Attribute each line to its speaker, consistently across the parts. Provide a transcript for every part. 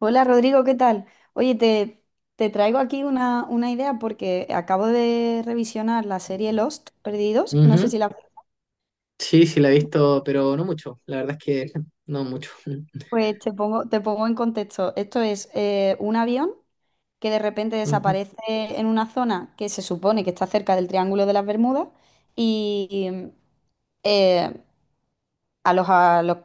Speaker 1: Hola Rodrigo, ¿qué tal? Oye, te, te traigo aquí una idea porque acabo de revisionar la serie Lost, Perdidos. No sé si
Speaker 2: Ujú.
Speaker 1: la...
Speaker 2: Sí, sí, la he visto, pero no mucho. La verdad es que no mucho.
Speaker 1: Pues te pongo en contexto. Esto es un avión que de repente
Speaker 2: Mm.
Speaker 1: desaparece en una zona que se supone que está cerca del Triángulo de las Bermudas y, eh, a los, a los-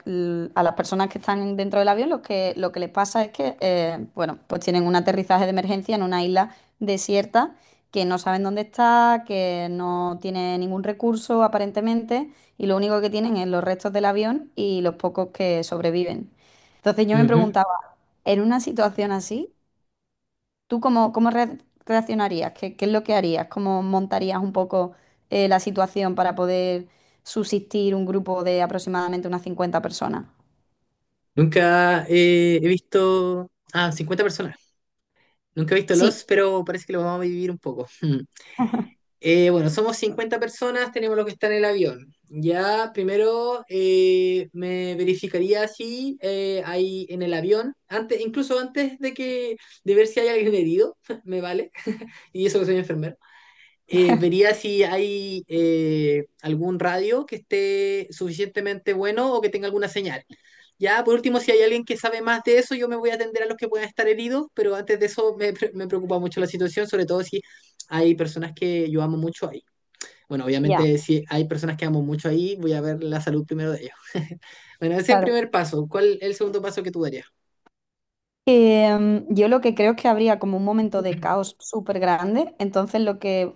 Speaker 1: a las personas que están dentro del avión, lo que les pasa es que, bueno, pues tienen un aterrizaje de emergencia en una isla desierta que no saben dónde está, que no tiene ningún recurso aparentemente, y lo único que tienen es los restos del avión y los pocos que sobreviven. Entonces yo me
Speaker 2: Ujú.
Speaker 1: preguntaba, en una situación así, ¿tú reaccionarías? ¿Qué es lo que harías? ¿Cómo montarías un poco la situación para poder subsistir un grupo de aproximadamente unas 50 personas?
Speaker 2: Nunca he visto... Ah, 50 personas. Nunca he visto
Speaker 1: Sí,
Speaker 2: Los, pero parece que lo vamos a vivir un poco. Mm. Bueno, somos 50 personas, tenemos los que están en el avión. Ya, primero me verificaría si hay en el avión, antes, incluso antes de que de ver si hay alguien herido, me vale, y eso que soy enfermero. Vería si hay algún radio que esté suficientemente bueno o que tenga alguna señal. Ya, por último, si hay alguien que sabe más de eso, yo me voy a atender a los que puedan estar heridos, pero antes de eso me preocupa mucho la situación, sobre todo si hay personas que yo amo mucho ahí. Bueno,
Speaker 1: ya.
Speaker 2: obviamente si hay personas que amo mucho ahí, voy a ver la salud primero de ellos. Bueno, ese es el
Speaker 1: Claro.
Speaker 2: primer paso. ¿Cuál es el segundo paso que tú darías?
Speaker 1: Yo lo que creo es que habría como un momento de caos súper grande, entonces lo que,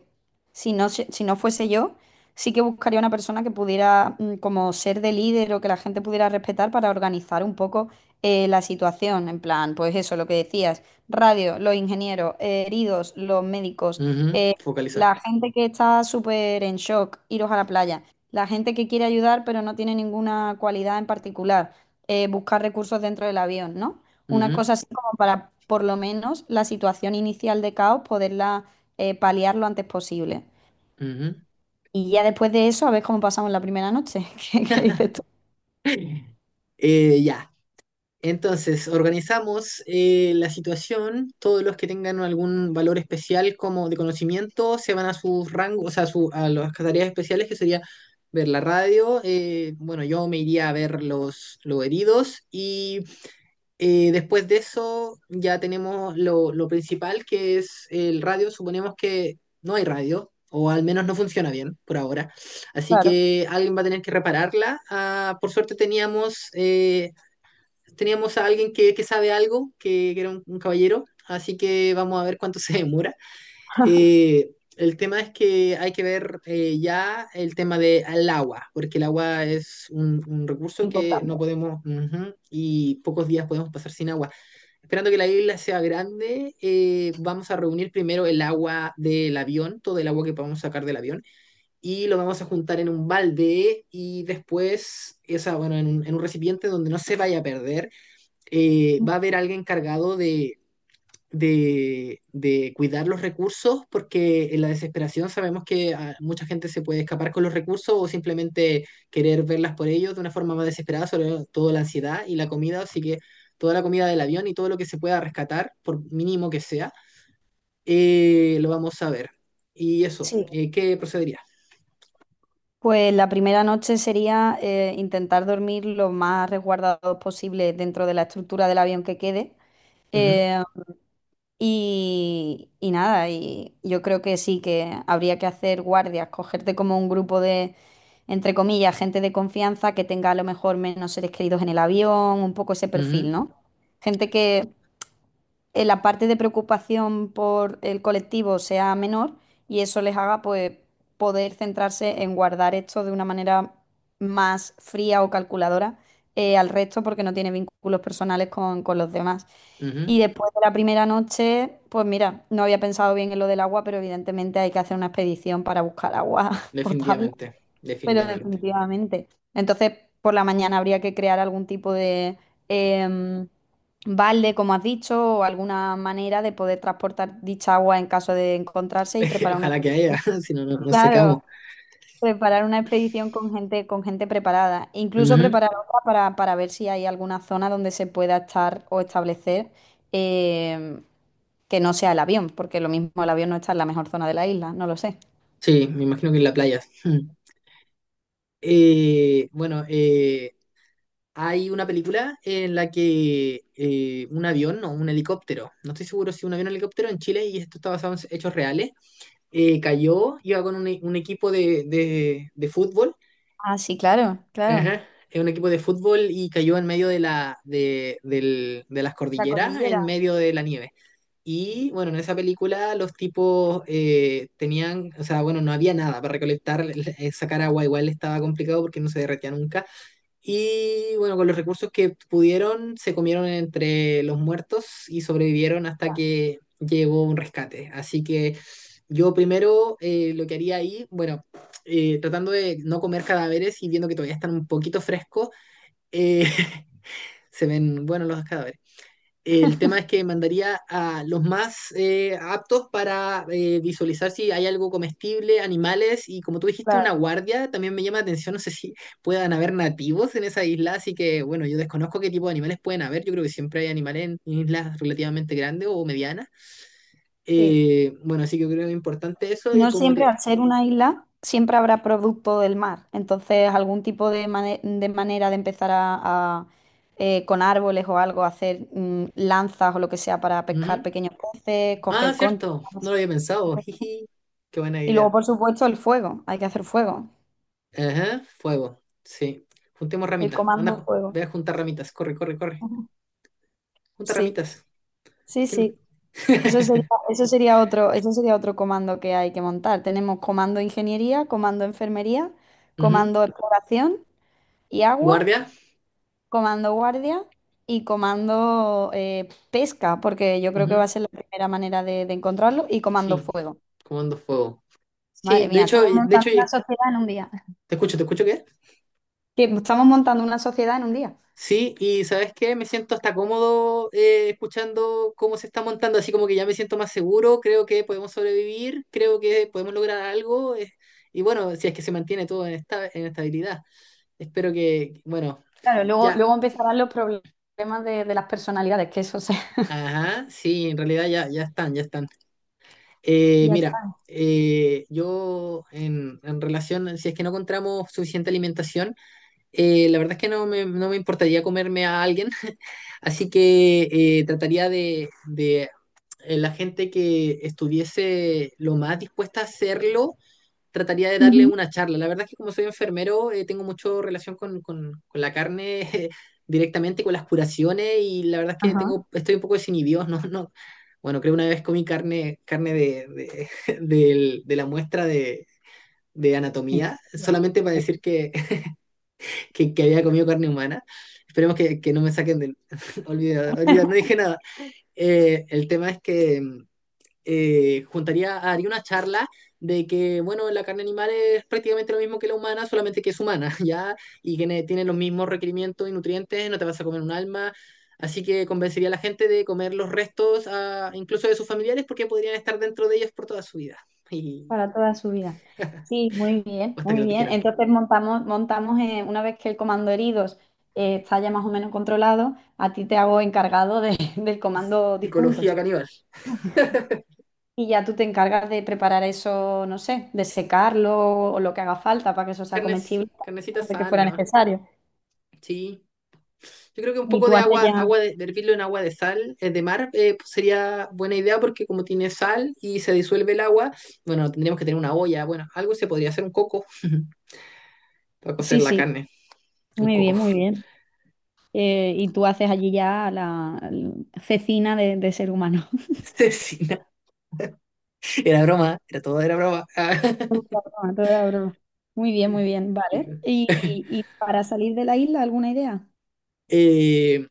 Speaker 1: si no fuese yo, sí que buscaría una persona que pudiera como ser de líder o que la gente pudiera respetar para organizar un poco la situación, en plan, pues eso, lo que decías, radio, los ingenieros, heridos, los médicos,
Speaker 2: Ujú,
Speaker 1: eh,
Speaker 2: focalizar.
Speaker 1: la gente que está súper en shock, iros a la playa, la gente que quiere ayudar pero no tiene ninguna cualidad en particular, buscar recursos dentro del avión, ¿no? Una
Speaker 2: Ujú,
Speaker 1: cosa así como para, por lo menos, la situación inicial de caos, poderla paliar lo antes posible.
Speaker 2: ujú.
Speaker 1: Y ya después de eso, a ver cómo pasamos la primera noche. ¿Qué dices tú?
Speaker 2: Ya. Entonces, organizamos la situación, todos los que tengan algún valor especial como de conocimiento se van a sus rangos, o sea, a las tareas especiales que sería ver la radio, bueno, yo me iría a ver los heridos y después de eso ya tenemos lo principal que es el radio, suponemos que no hay radio o al menos no funciona bien por ahora, así
Speaker 1: Claro,
Speaker 2: que alguien va a tener que repararla. Ah, por suerte teníamos... teníamos a alguien que sabe algo, que era un caballero, así que vamos a ver cuánto se demora. El tema es que hay que ver ya el tema del agua, porque el agua es un recurso que
Speaker 1: importante.
Speaker 2: no podemos, ujú, y pocos días podemos pasar sin agua. Esperando que la isla sea grande, vamos a reunir primero el agua del avión, todo el agua que podamos sacar del avión, y lo vamos a juntar en un balde y después, o sea, bueno, en en un recipiente donde no se vaya a perder. Va a haber alguien encargado de cuidar los recursos, porque en la desesperación sabemos que ah, mucha gente se puede escapar con los recursos o simplemente querer verlas por ellos de una forma más desesperada, sobre todo la ansiedad y la comida, así que toda la comida del avión y todo lo que se pueda rescatar, por mínimo que sea, lo vamos a ver. Y eso,
Speaker 1: Sí.
Speaker 2: ¿qué procedería?
Speaker 1: Pues la primera noche sería intentar dormir lo más resguardado posible dentro de la estructura del avión que quede.
Speaker 2: Ujú,
Speaker 1: Eh, y nada, y yo creo que sí, que habría que hacer guardias, cogerte como un grupo de, entre comillas, gente de confianza que tenga a lo mejor menos seres queridos en el avión, un poco ese perfil,
Speaker 2: ujú,
Speaker 1: ¿no? Gente que en la parte de preocupación por el colectivo sea menor y eso les haga pues poder centrarse en guardar esto de una manera más fría o calculadora al resto porque no tiene vínculos personales con los demás.
Speaker 2: ujú.
Speaker 1: Y después de la primera noche, pues mira, no había pensado bien en lo del agua, pero evidentemente hay que hacer una expedición para buscar agua potable,
Speaker 2: Definitivamente,
Speaker 1: pero
Speaker 2: definitivamente.
Speaker 1: definitivamente. Entonces, por la mañana habría que crear algún tipo de em, balde, como has dicho, o alguna manera de poder transportar dicha agua en caso de encontrarse y preparar una
Speaker 2: Ojalá que haya,
Speaker 1: expedición.
Speaker 2: si no, no nos
Speaker 1: Claro,
Speaker 2: secamos.
Speaker 1: preparar una expedición con gente preparada. Incluso
Speaker 2: Ujú.
Speaker 1: preparar otra para ver si hay alguna zona donde se pueda estar o establecer eh, que no sea el avión, porque lo mismo el avión no está en la mejor zona de la isla, no lo sé.
Speaker 2: Sí, me imagino que en la playa. Mm. Eh, bueno, eh, Hay una película en la que un avión o un helicóptero, no estoy seguro si un avión o un helicóptero en Chile, y esto está basado en hechos reales, cayó, iba con un equipo de fútbol,
Speaker 1: Ah, sí, claro, claro.
Speaker 2: ajá, un equipo de fútbol y cayó en medio de las
Speaker 1: La
Speaker 2: cordilleras, en
Speaker 1: cordillera,
Speaker 2: medio de la nieve. Y bueno, en esa película los tipos tenían, o sea, bueno, no había nada para recolectar, sacar agua igual estaba complicado porque no se derretía nunca. Y bueno, con los recursos que pudieron, se comieron entre los muertos y sobrevivieron hasta que llegó un rescate. Así que yo primero lo que haría ahí, bueno, tratando de no comer cadáveres y viendo que todavía están un poquito frescos, eh, se ven buenos los cadáveres. El tema es que mandaría a los más aptos para visualizar si hay algo comestible, animales y como tú dijiste, una
Speaker 1: claro.
Speaker 2: guardia. También me llama la atención, no sé si puedan haber nativos en esa isla, así que bueno, yo desconozco qué tipo de animales pueden haber. Yo creo que siempre hay animales en islas relativamente grandes o medianas.
Speaker 1: Sí.
Speaker 2: Bueno, así que yo creo que es importante eso y
Speaker 1: No
Speaker 2: como
Speaker 1: siempre,
Speaker 2: te...
Speaker 1: al ser una isla, siempre habrá producto del mar. Entonces, algún tipo de, de manera de empezar con árboles o algo, hacer lanzas o lo que sea para pescar
Speaker 2: Ujú.
Speaker 1: pequeños peces,
Speaker 2: Ah,
Speaker 1: coger conchas.
Speaker 2: cierto, no lo había pensado. Jiji, qué buena
Speaker 1: Y luego,
Speaker 2: idea.
Speaker 1: por supuesto, el fuego. Hay que hacer fuego.
Speaker 2: Ajá, fuego, sí. Juntemos
Speaker 1: El
Speaker 2: ramitas. Anda,
Speaker 1: comando
Speaker 2: ve
Speaker 1: fuego.
Speaker 2: a juntar ramitas. Corre, corre, corre.
Speaker 1: Ujú.
Speaker 2: Junta
Speaker 1: Sí,
Speaker 2: ramitas.
Speaker 1: sí,
Speaker 2: ¿Qué no?
Speaker 1: sí. Eso sería, eso sería otro comando que hay que montar. Tenemos comando ingeniería, comando enfermería,
Speaker 2: Ujú.
Speaker 1: comando exploración y agua.
Speaker 2: Guardia.
Speaker 1: Comando guardia y comando pesca, porque yo creo que va
Speaker 2: Ujú.
Speaker 1: a ser la primera manera de encontrarlo, y comando
Speaker 2: Sí.
Speaker 1: fuego.
Speaker 2: Comando fuego. Sí,
Speaker 1: Madre mía, estamos
Speaker 2: de hecho,
Speaker 1: montando una sociedad en un día.
Speaker 2: ¿te escucho qué?
Speaker 1: Que estamos montando una sociedad en un día.
Speaker 2: Sí, y ¿sabes qué? Me siento hasta cómodo escuchando cómo se está montando, así como que ya me siento más seguro, creo que podemos sobrevivir, creo que podemos lograr algo, y bueno, si es que se mantiene todo en, esta, en estabilidad. Espero que, bueno,
Speaker 1: Claro, luego,
Speaker 2: ya,
Speaker 1: luego empezarán los problemas de las personalidades, que eso se...
Speaker 2: ajá, sí, en realidad ya, ya están, ya están.
Speaker 1: Ya
Speaker 2: Mira,
Speaker 1: está.
Speaker 2: yo en relación, si es que no encontramos suficiente alimentación, la verdad es que no me importaría comerme a alguien, así que trataría la gente que estuviese lo más dispuesta a hacerlo, trataría de darle
Speaker 1: Ujú.
Speaker 2: una charla. La verdad es que como soy enfermero, tengo mucho relación con la carne directamente, con las curaciones, y la verdad es que
Speaker 1: Ajá.
Speaker 2: tengo, estoy un poco desinhibido, ¿no? no bueno, creo una vez comí carne, carne de, de la muestra de
Speaker 1: En
Speaker 2: anatomía,
Speaker 1: serio.
Speaker 2: solamente para decir que, que había comido carne humana. Esperemos que no me saquen del... Olvidar, olvidar, no dije nada. El tema es que juntaría, haría una charla de que, bueno, la carne animal es prácticamente lo mismo que la humana, solamente que es humana, ¿ya? Y que tiene los mismos requerimientos y nutrientes, no te vas a comer un alma. Así que convencería a la gente de comer los restos, ah, incluso de sus familiares, porque podrían estar dentro de ellos por toda su vida. Y
Speaker 1: Para toda su vida. Sí, muy
Speaker 2: o
Speaker 1: bien,
Speaker 2: hasta que
Speaker 1: muy
Speaker 2: los
Speaker 1: bien.
Speaker 2: dijeran.
Speaker 1: Entonces montamos una vez que el comando heridos está ya más o menos controlado, a ti te hago encargado de- del comando
Speaker 2: Psicología
Speaker 1: difuntos.
Speaker 2: caníbal.
Speaker 1: Y ya tú te encargas de preparar eso, no sé, de secarlo o lo que haga falta para que eso sea
Speaker 2: Carnes,
Speaker 1: comestible,
Speaker 2: carnecita
Speaker 1: de que
Speaker 2: sana,
Speaker 1: fuera
Speaker 2: nomás.
Speaker 1: necesario.
Speaker 2: Sí. Yo creo que un
Speaker 1: Y
Speaker 2: poco
Speaker 1: tú
Speaker 2: de
Speaker 1: haces
Speaker 2: agua,
Speaker 1: ya...
Speaker 2: agua de hervirlo en agua de sal, de mar, pues sería buena idea porque como tiene sal y se disuelve el agua, bueno, tendríamos que tener una olla, bueno, algo se podría hacer un coco para cocer
Speaker 1: Sí,
Speaker 2: la
Speaker 1: sí,
Speaker 2: carne, un
Speaker 1: muy
Speaker 2: coco.
Speaker 1: bien, muy bien. Y tú haces allí ya la cecina de ser humano.
Speaker 2: Cecina. Era broma, era todo, era broma.
Speaker 1: Ah, toda broma. Muy bien, vale. Y para salir de la isla, alguna idea?
Speaker 2: Eh,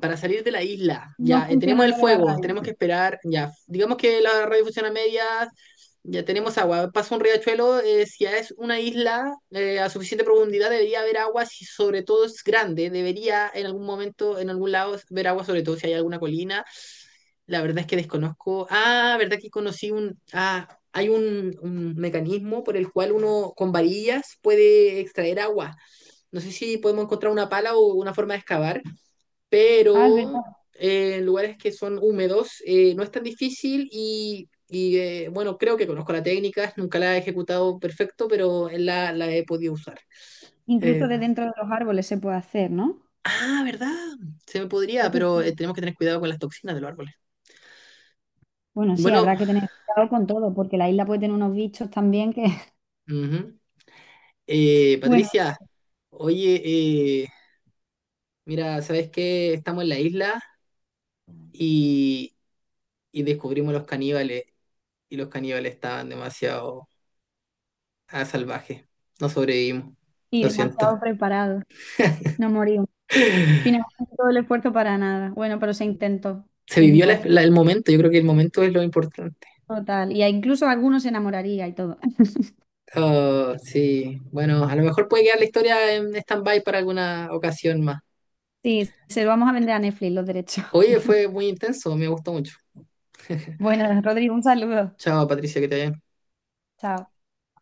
Speaker 2: para salir de la isla.
Speaker 1: No
Speaker 2: Ya, tenemos
Speaker 1: funciona
Speaker 2: el
Speaker 1: lo de la
Speaker 2: fuego,
Speaker 1: radio.
Speaker 2: tenemos que esperar. Ya, digamos que la radio funciona a medias, ya tenemos agua. Pasa un riachuelo, si ya es una isla a suficiente profundidad, debería haber agua, si sobre todo es grande, debería en algún momento, en algún lado, ver agua, sobre todo si hay alguna colina. La verdad es que desconozco. Ah, verdad que conocí un. Ah, hay un mecanismo por el cual uno con varillas puede extraer agua. No sé si podemos encontrar una pala o una forma de excavar,
Speaker 1: Ah, es verdad.
Speaker 2: pero en lugares que son húmedos no es tan difícil bueno, creo que conozco la técnica, nunca la he ejecutado perfecto, pero la he podido usar. Eh,
Speaker 1: Incluso de dentro de los árboles se puede hacer, ¿no?
Speaker 2: ¿Verdad? Se me podría,
Speaker 1: Creo que
Speaker 2: pero
Speaker 1: sí.
Speaker 2: tenemos que tener cuidado con las toxinas de los árboles.
Speaker 1: Bueno, sí,
Speaker 2: Bueno,
Speaker 1: habrá que tener cuidado con todo, porque la isla puede tener unos bichos también que,
Speaker 2: ujú.
Speaker 1: bueno,
Speaker 2: Patricia, oye, mira, ¿sabes qué? Estamos en la isla y, y descubrimos los caníbales y los caníbales estaban demasiado... Ah, salvaje. No sobrevivimos.
Speaker 1: y
Speaker 2: Lo
Speaker 1: demasiado
Speaker 2: siento.
Speaker 1: preparados. No morimos.
Speaker 2: Se
Speaker 1: Finalmente todo el esfuerzo para nada. Bueno, pero se intentó, que es
Speaker 2: vivió
Speaker 1: importante.
Speaker 2: el momento, yo creo que el momento es lo importante.
Speaker 1: Total. Y a- incluso algunos se enamoraría y todo.
Speaker 2: Oh, sí, bueno, a lo mejor puede quedar la historia en stand-by para alguna ocasión más.
Speaker 1: Sí, se lo vamos a vender a Netflix los derechos.
Speaker 2: Oye, fue muy intenso, me gustó mucho.
Speaker 1: Bueno, Rodrigo, un saludo.
Speaker 2: Chao, Patricia, que te vaya bien.
Speaker 1: Chao.